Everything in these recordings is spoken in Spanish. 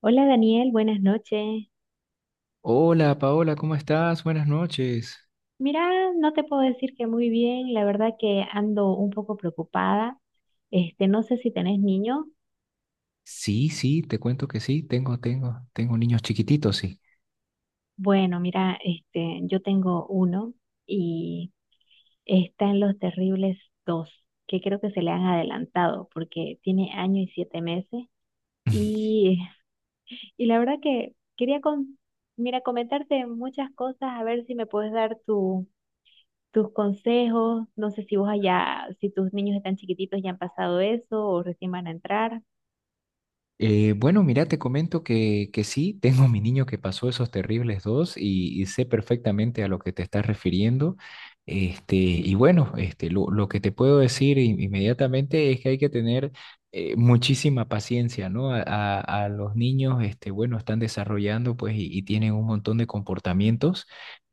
Hola Daniel, buenas noches. Hola Paola, ¿cómo estás? Buenas noches. Mira, no te puedo decir que muy bien, la verdad que ando un poco preocupada. No sé si tenés niños. Sí, sí, te cuento que sí, tengo niños chiquititos, sí. Bueno, mira, yo tengo uno y está en los terribles dos, que creo que se le han adelantado porque tiene año y 7 meses. Y, y la verdad que quería mira, comentarte muchas cosas, a ver si me puedes dar tu tus consejos. No sé si vos allá, si tus niños están chiquititos ya han pasado eso o recién van a entrar. Bueno, mira, te comento que sí, tengo a mi niño que pasó esos terribles dos y sé perfectamente a lo que te estás refiriendo. Lo que te puedo decir inmediatamente es que hay que tener muchísima paciencia, ¿no? A los niños, este, bueno, están desarrollando pues y tienen un montón de comportamientos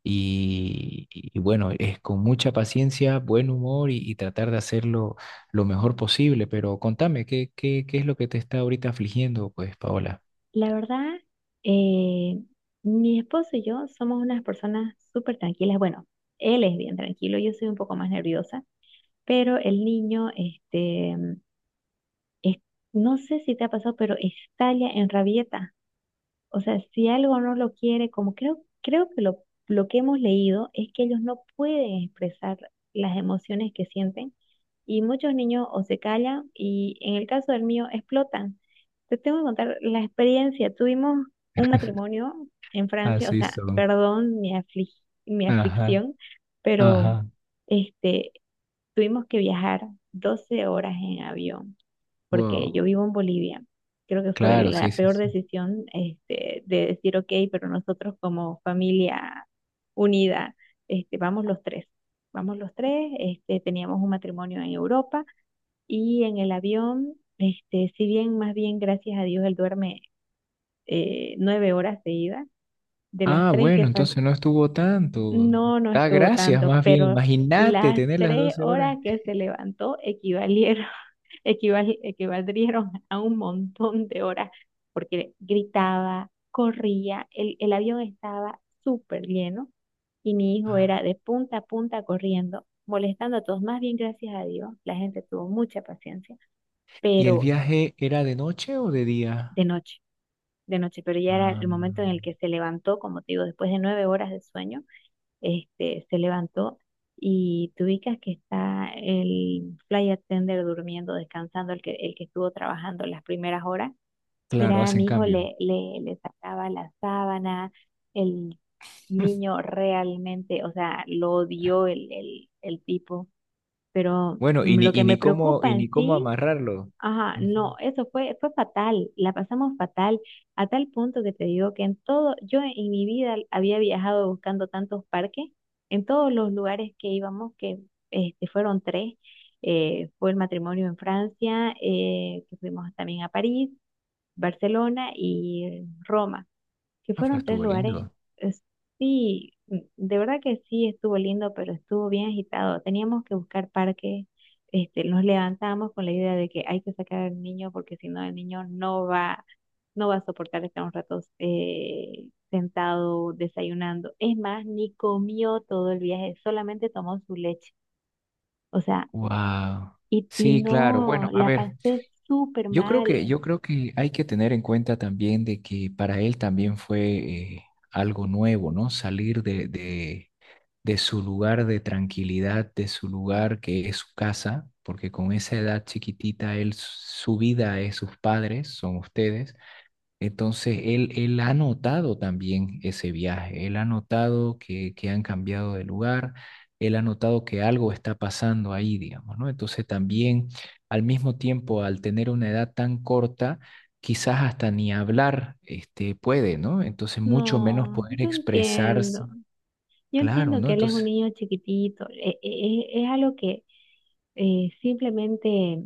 y bueno, es con mucha paciencia, buen humor y tratar de hacerlo lo mejor posible, pero contame, qué es lo que te está ahorita afligiendo, pues, Paola? La verdad, eh, mi esposo y yo somos unas personas súper tranquilas. Bueno, él es bien tranquilo, yo soy un poco más nerviosa, pero el niño, es- no sé si te ha pasado, pero estalla en rabieta. O sea, si algo no lo quiere, como creo que lo que hemos leído es que ellos no pueden expresar las emociones que sienten y muchos niños o se callan y en el caso del mío explotan. Te tengo que contar la experiencia. Tuvimos un matrimonio en Francia, o Así sea, son. perdón, mi Ajá, aflicción, pero ajá. este, tuvimos que viajar 12 horas en avión porque Wow. yo vivo en Bolivia. Creo que fue Claro, sí, la sí, peor sí. decisión, de decir, ok, pero nosotros como familia unida, vamos los tres. Vamos los tres, teníamos un matrimonio en Europa y en el avión, si bien, más bien, gracias a Dios, él duerme 9 horas seguidas, de las Ah, tres que bueno, entonces no estuvo tanto. no, no Da estuvo gracias, tanto, más bien. pero Imagínate las tener las tres 12 horas horas. que se levantó equivalieron, equivaldrieron a un montón de horas, porque gritaba, corría, el avión estaba súper lleno y mi hijo Ah, era de punta a punta corriendo, molestando a todos. Más bien, gracias a Dios, la gente tuvo mucha paciencia, ¿y el pero viaje era de noche o de día? de noche, de noche, pero ya era Ah, el momento en el que se levantó, como te digo, después de 9 horas de sueño, se levantó y tú ubicas que está el flight attendant durmiendo, descansando, el que estuvo trabajando las primeras horas. claro, Mira, hacen mi hijo cambio. Le sacaba la sábana, el niño realmente, o sea, lo odió el tipo, pero Bueno, lo que me y preocupa ni en cómo sí. amarrarlo. Ajá, no, Ujú. eso fue, fue fatal, la pasamos fatal, a tal punto que te digo que en todo, yo en mi vida había viajado buscando tantos parques, en todos los lugares que íbamos, que fueron tres, fue el matrimonio en Francia, que fuimos también a París, Barcelona y Roma que Ah, pero fueron tres estuvo lugares. lindo. es- Sí, de verdad que sí estuvo lindo, pero estuvo bien agitado. Teníamos que buscar parques. Nos levantábamos con la idea de que hay que sacar al niño porque si no el niño no va, no va a soportar estar un rato sentado desayunando. Es más, ni comió todo el viaje, solamente tomó su leche. O sea, Wow. Y Sí, claro. no, Bueno, a la ver. pasé súper mal. Yo creo que hay que tener en cuenta también de que para él también fue algo nuevo, ¿no? Salir de su lugar de tranquilidad, de su lugar que es su casa, porque con esa edad chiquitita, él, su vida es sus padres, son ustedes. Entonces, él ha notado también ese viaje, él ha notado que han cambiado de lugar, él ha notado que algo está pasando ahí, digamos, ¿no? Entonces, también al mismo tiempo, al tener una edad tan corta, quizás hasta ni hablar este, puede, ¿no? Entonces, mucho menos No, poder yo expresarse, entiendo. Yo claro, entiendo ¿no? que él es un Entonces, niño chiquitito, es, algo que simplemente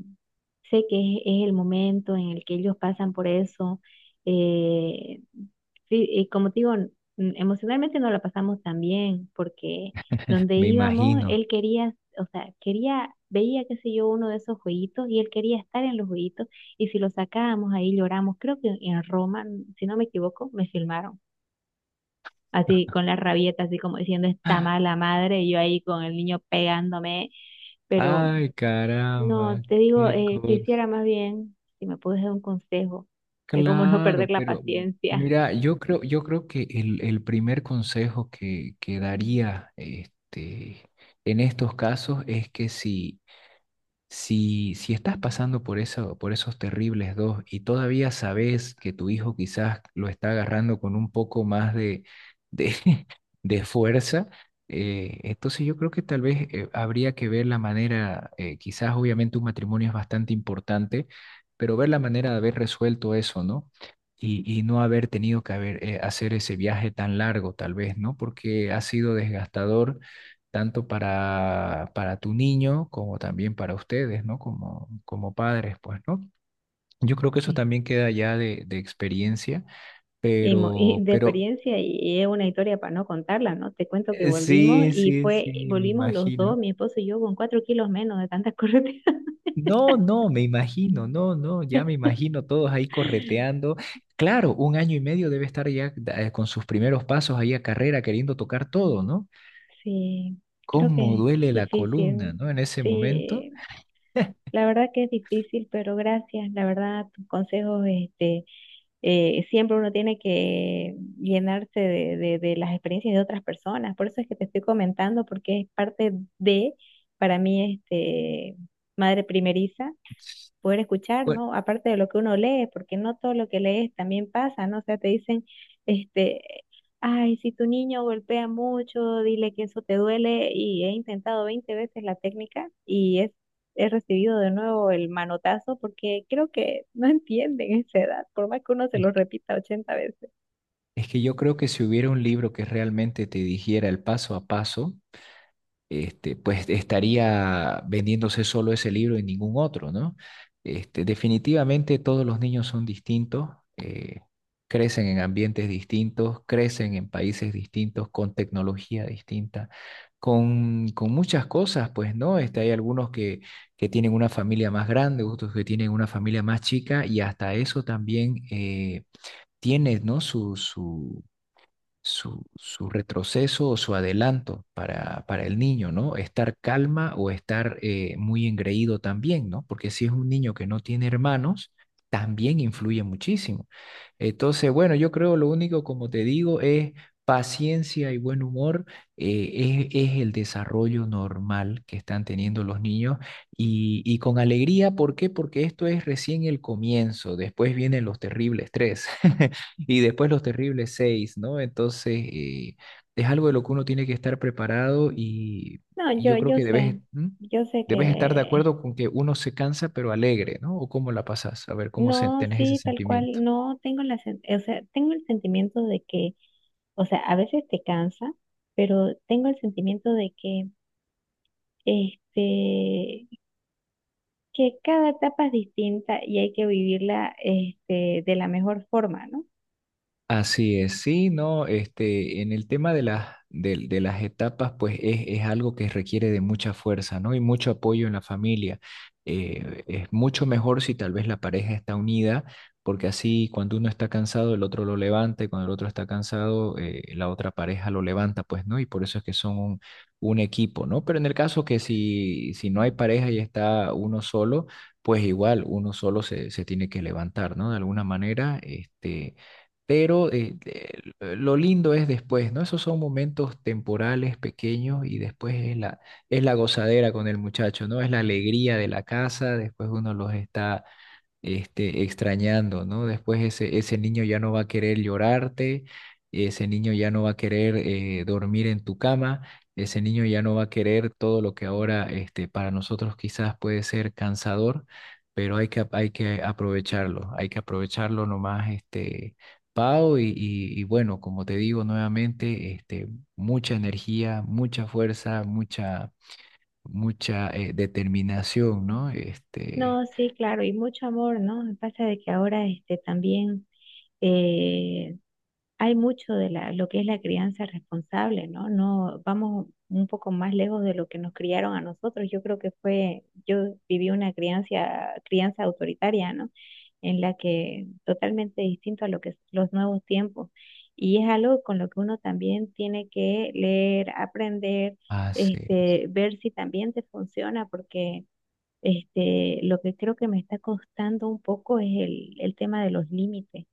sé que es el momento en el que ellos pasan por eso. eh, sí, y como te digo, emocionalmente no la pasamos tan bien porque donde me íbamos, imagino, él quería, o sea, quería, veía, qué sé yo, uno de esos jueguitos y él quería estar en los jueguitos y si lo sacábamos ahí lloramos. Creo que en Roma, si no me equivoco, me filmaron así con la rabieta, así como diciendo está mala madre, y yo ahí con el niño pegándome, pero ay, no, caramba, te digo, qué cosa. quisiera más bien, si me puedes dar un consejo de cómo no Claro, perder la pero paciencia. mira, yo creo que el primer consejo que daría este, en estos casos es que si, si estás pasando por eso, por esos terribles dos y todavía sabes que tu hijo quizás lo está agarrando con un poco más de, de fuerza, entonces yo creo que tal vez habría que ver la manera, quizás obviamente un matrimonio es bastante importante, pero ver la manera de haber resuelto eso, ¿no? Y no haber tenido que haber, hacer ese viaje tan largo, tal vez, ¿no? Porque ha sido desgastador tanto para tu niño como también para ustedes, ¿no? Como padres, pues, ¿no? Yo creo que eso Sí. también queda ya de experiencia, Y de pero experiencia, y es una historia para no contarla, ¿no? Te cuento que volvimos sí, y sí, fue, sí, me volvimos los dos, imagino. mi esposo y yo, con 4 kilos menos de tantas correteas. No, no, me imagino, no, no, ya me imagino todos ahí correteando. Claro, un año y medio debe estar ya con sus primeros pasos ahí a carrera queriendo tocar todo, ¿no? Sí, creo ¿Cómo que es duele la columna, difícil. ¿no? En ese momento. Sí, la verdad que es difícil, pero gracias. La verdad, tus consejos, siempre uno tiene que llenarse de, de las experiencias de otras personas. Por eso es que te estoy comentando, porque es parte de, para mí, madre primeriza poder escuchar, Bueno, ¿no? Aparte de lo que uno lee, porque no todo lo que lees también pasa, ¿no? O sea, te dicen, este, ay, si tu niño golpea mucho, dile que eso te duele, y he intentado 20 veces la técnica y es, he recibido de nuevo el manotazo porque creo que no entienden esa edad, por más que uno se lo repita 80 veces. es que yo creo que si hubiera un libro que realmente te dijera el paso a paso, este, pues estaría vendiéndose solo ese libro y ningún otro, ¿no? Este, definitivamente todos los niños son distintos, eh, crecen en ambientes distintos, crecen en países distintos, con tecnología distinta, con muchas cosas, pues, ¿no? Este, hay algunos que tienen una familia más grande, otros que tienen una familia más chica, y hasta eso también tiene, ¿no? Su retroceso o su adelanto para el niño, ¿no? Estar calma o estar muy engreído también, ¿no? Porque si es un niño que no tiene hermanos, también influye muchísimo. Entonces, bueno, yo creo lo único, como te digo, es paciencia y buen humor, es el desarrollo normal que están teniendo los niños y con alegría, ¿por qué? Porque esto es recién el comienzo, después vienen los terribles tres. Y después los terribles seis, ¿no? Entonces, es algo de lo que uno tiene que estar preparado No, y yo creo que debes, ¿mm? yo sé Debes estar de que... acuerdo con que uno se cansa pero alegre, ¿no? ¿O cómo la pasas? A ver, ¿cómo se, No, tenés ese sí, tal sentimiento? cual, no tengo o sea, tengo el sentimiento de que, o sea, a veces te cansa, pero tengo el sentimiento de que, este, que cada etapa es distinta y hay que vivirla, de la mejor forma, ¿no? Así es, sí, no, este, en el tema de las, de las etapas, pues es algo que requiere de mucha fuerza, ¿no? Y mucho apoyo en la familia. Es mucho mejor si tal vez la pareja está unida, porque así cuando uno está cansado, el otro lo levanta, y cuando el otro está cansado, la otra pareja lo levanta, pues, ¿no? Y por eso es que son un equipo, ¿no? Pero en el caso que si no hay pareja y está uno solo, pues igual uno solo se tiene que levantar, ¿no? De alguna manera, este, pero lo lindo es después, ¿no? Esos son momentos temporales, pequeños, y después es es la gozadera con el muchacho, ¿no? Es la alegría de la casa, después uno los está este, extrañando, ¿no? Después ese niño ya no va a querer llorarte, ese niño ya no va a querer dormir en tu cama, ese niño ya no va a querer todo lo que ahora este, para nosotros quizás puede ser cansador, pero hay que aprovecharlo nomás, este, Pau, y bueno, como te digo nuevamente, este, mucha energía, mucha fuerza, mucha... mucha determinación, ¿no? Este, No, sí, claro, y mucho amor, ¿no? Pasa de que ahora, también eh, hay mucho de la, lo que es la crianza responsable, ¿no? No vamos un poco más lejos de lo que nos criaron a nosotros. Yo creo que fue, yo viví una crianza, autoritaria, ¿no? En la que totalmente distinto a lo que es los nuevos tiempos. Y es algo con lo que uno también tiene que leer, aprender, hace. Ver si también te funciona, porque lo que creo que me está costando un poco es el tema de los límites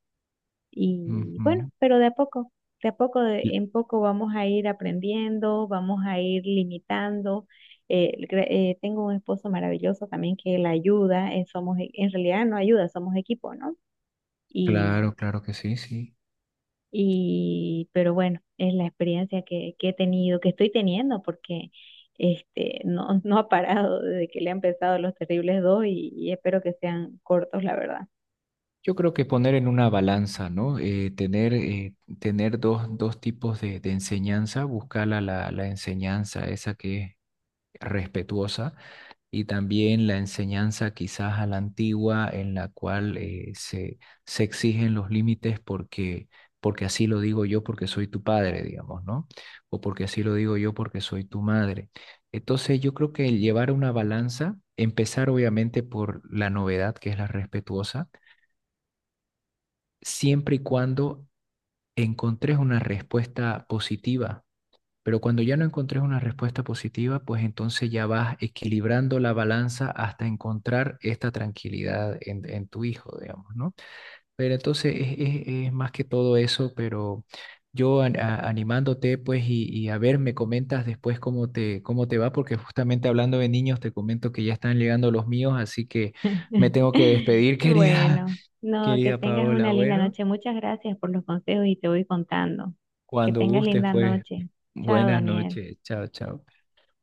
y bueno, Ujú. pero de a poco, en poco vamos a ir aprendiendo, vamos a ir limitando. Tengo un esposo maravilloso también que la ayuda, somos, en realidad no ayuda, somos equipo, ¿no? Y, Claro, claro que sí, sí. Pero bueno, es la experiencia que he tenido, que estoy teniendo, porque no, no ha parado desde que le han empezado los terribles dos y espero que sean cortos, la verdad. Yo creo que poner en una balanza, ¿no? Tener dos, dos tipos de enseñanza, buscar la enseñanza, esa que es respetuosa y también la enseñanza quizás a la antigua en la cual se exigen los límites porque, porque así lo digo yo porque soy tu padre, digamos, ¿no? O porque así lo digo yo porque soy tu madre. Entonces yo creo que el llevar una balanza, empezar obviamente por la novedad que es la respetuosa, siempre y cuando encontres una respuesta positiva pero cuando ya no encontres una respuesta positiva, pues entonces ya vas equilibrando la balanza hasta encontrar esta tranquilidad en tu hijo, digamos, ¿no? Pero entonces es más que todo eso, pero yo animándote, pues, y a ver, me comentas después cómo te va, porque justamente hablando de niños, te comento que ya están llegando los míos, así que me tengo que despedir, querida, Bueno, no, que querida tengas Paola. una linda Bueno, noche. Muchas gracias por los consejos y te voy contando. Que cuando tengas gustes, linda pues, noche. Chao, buenas Daniel. noches. Chao, chao.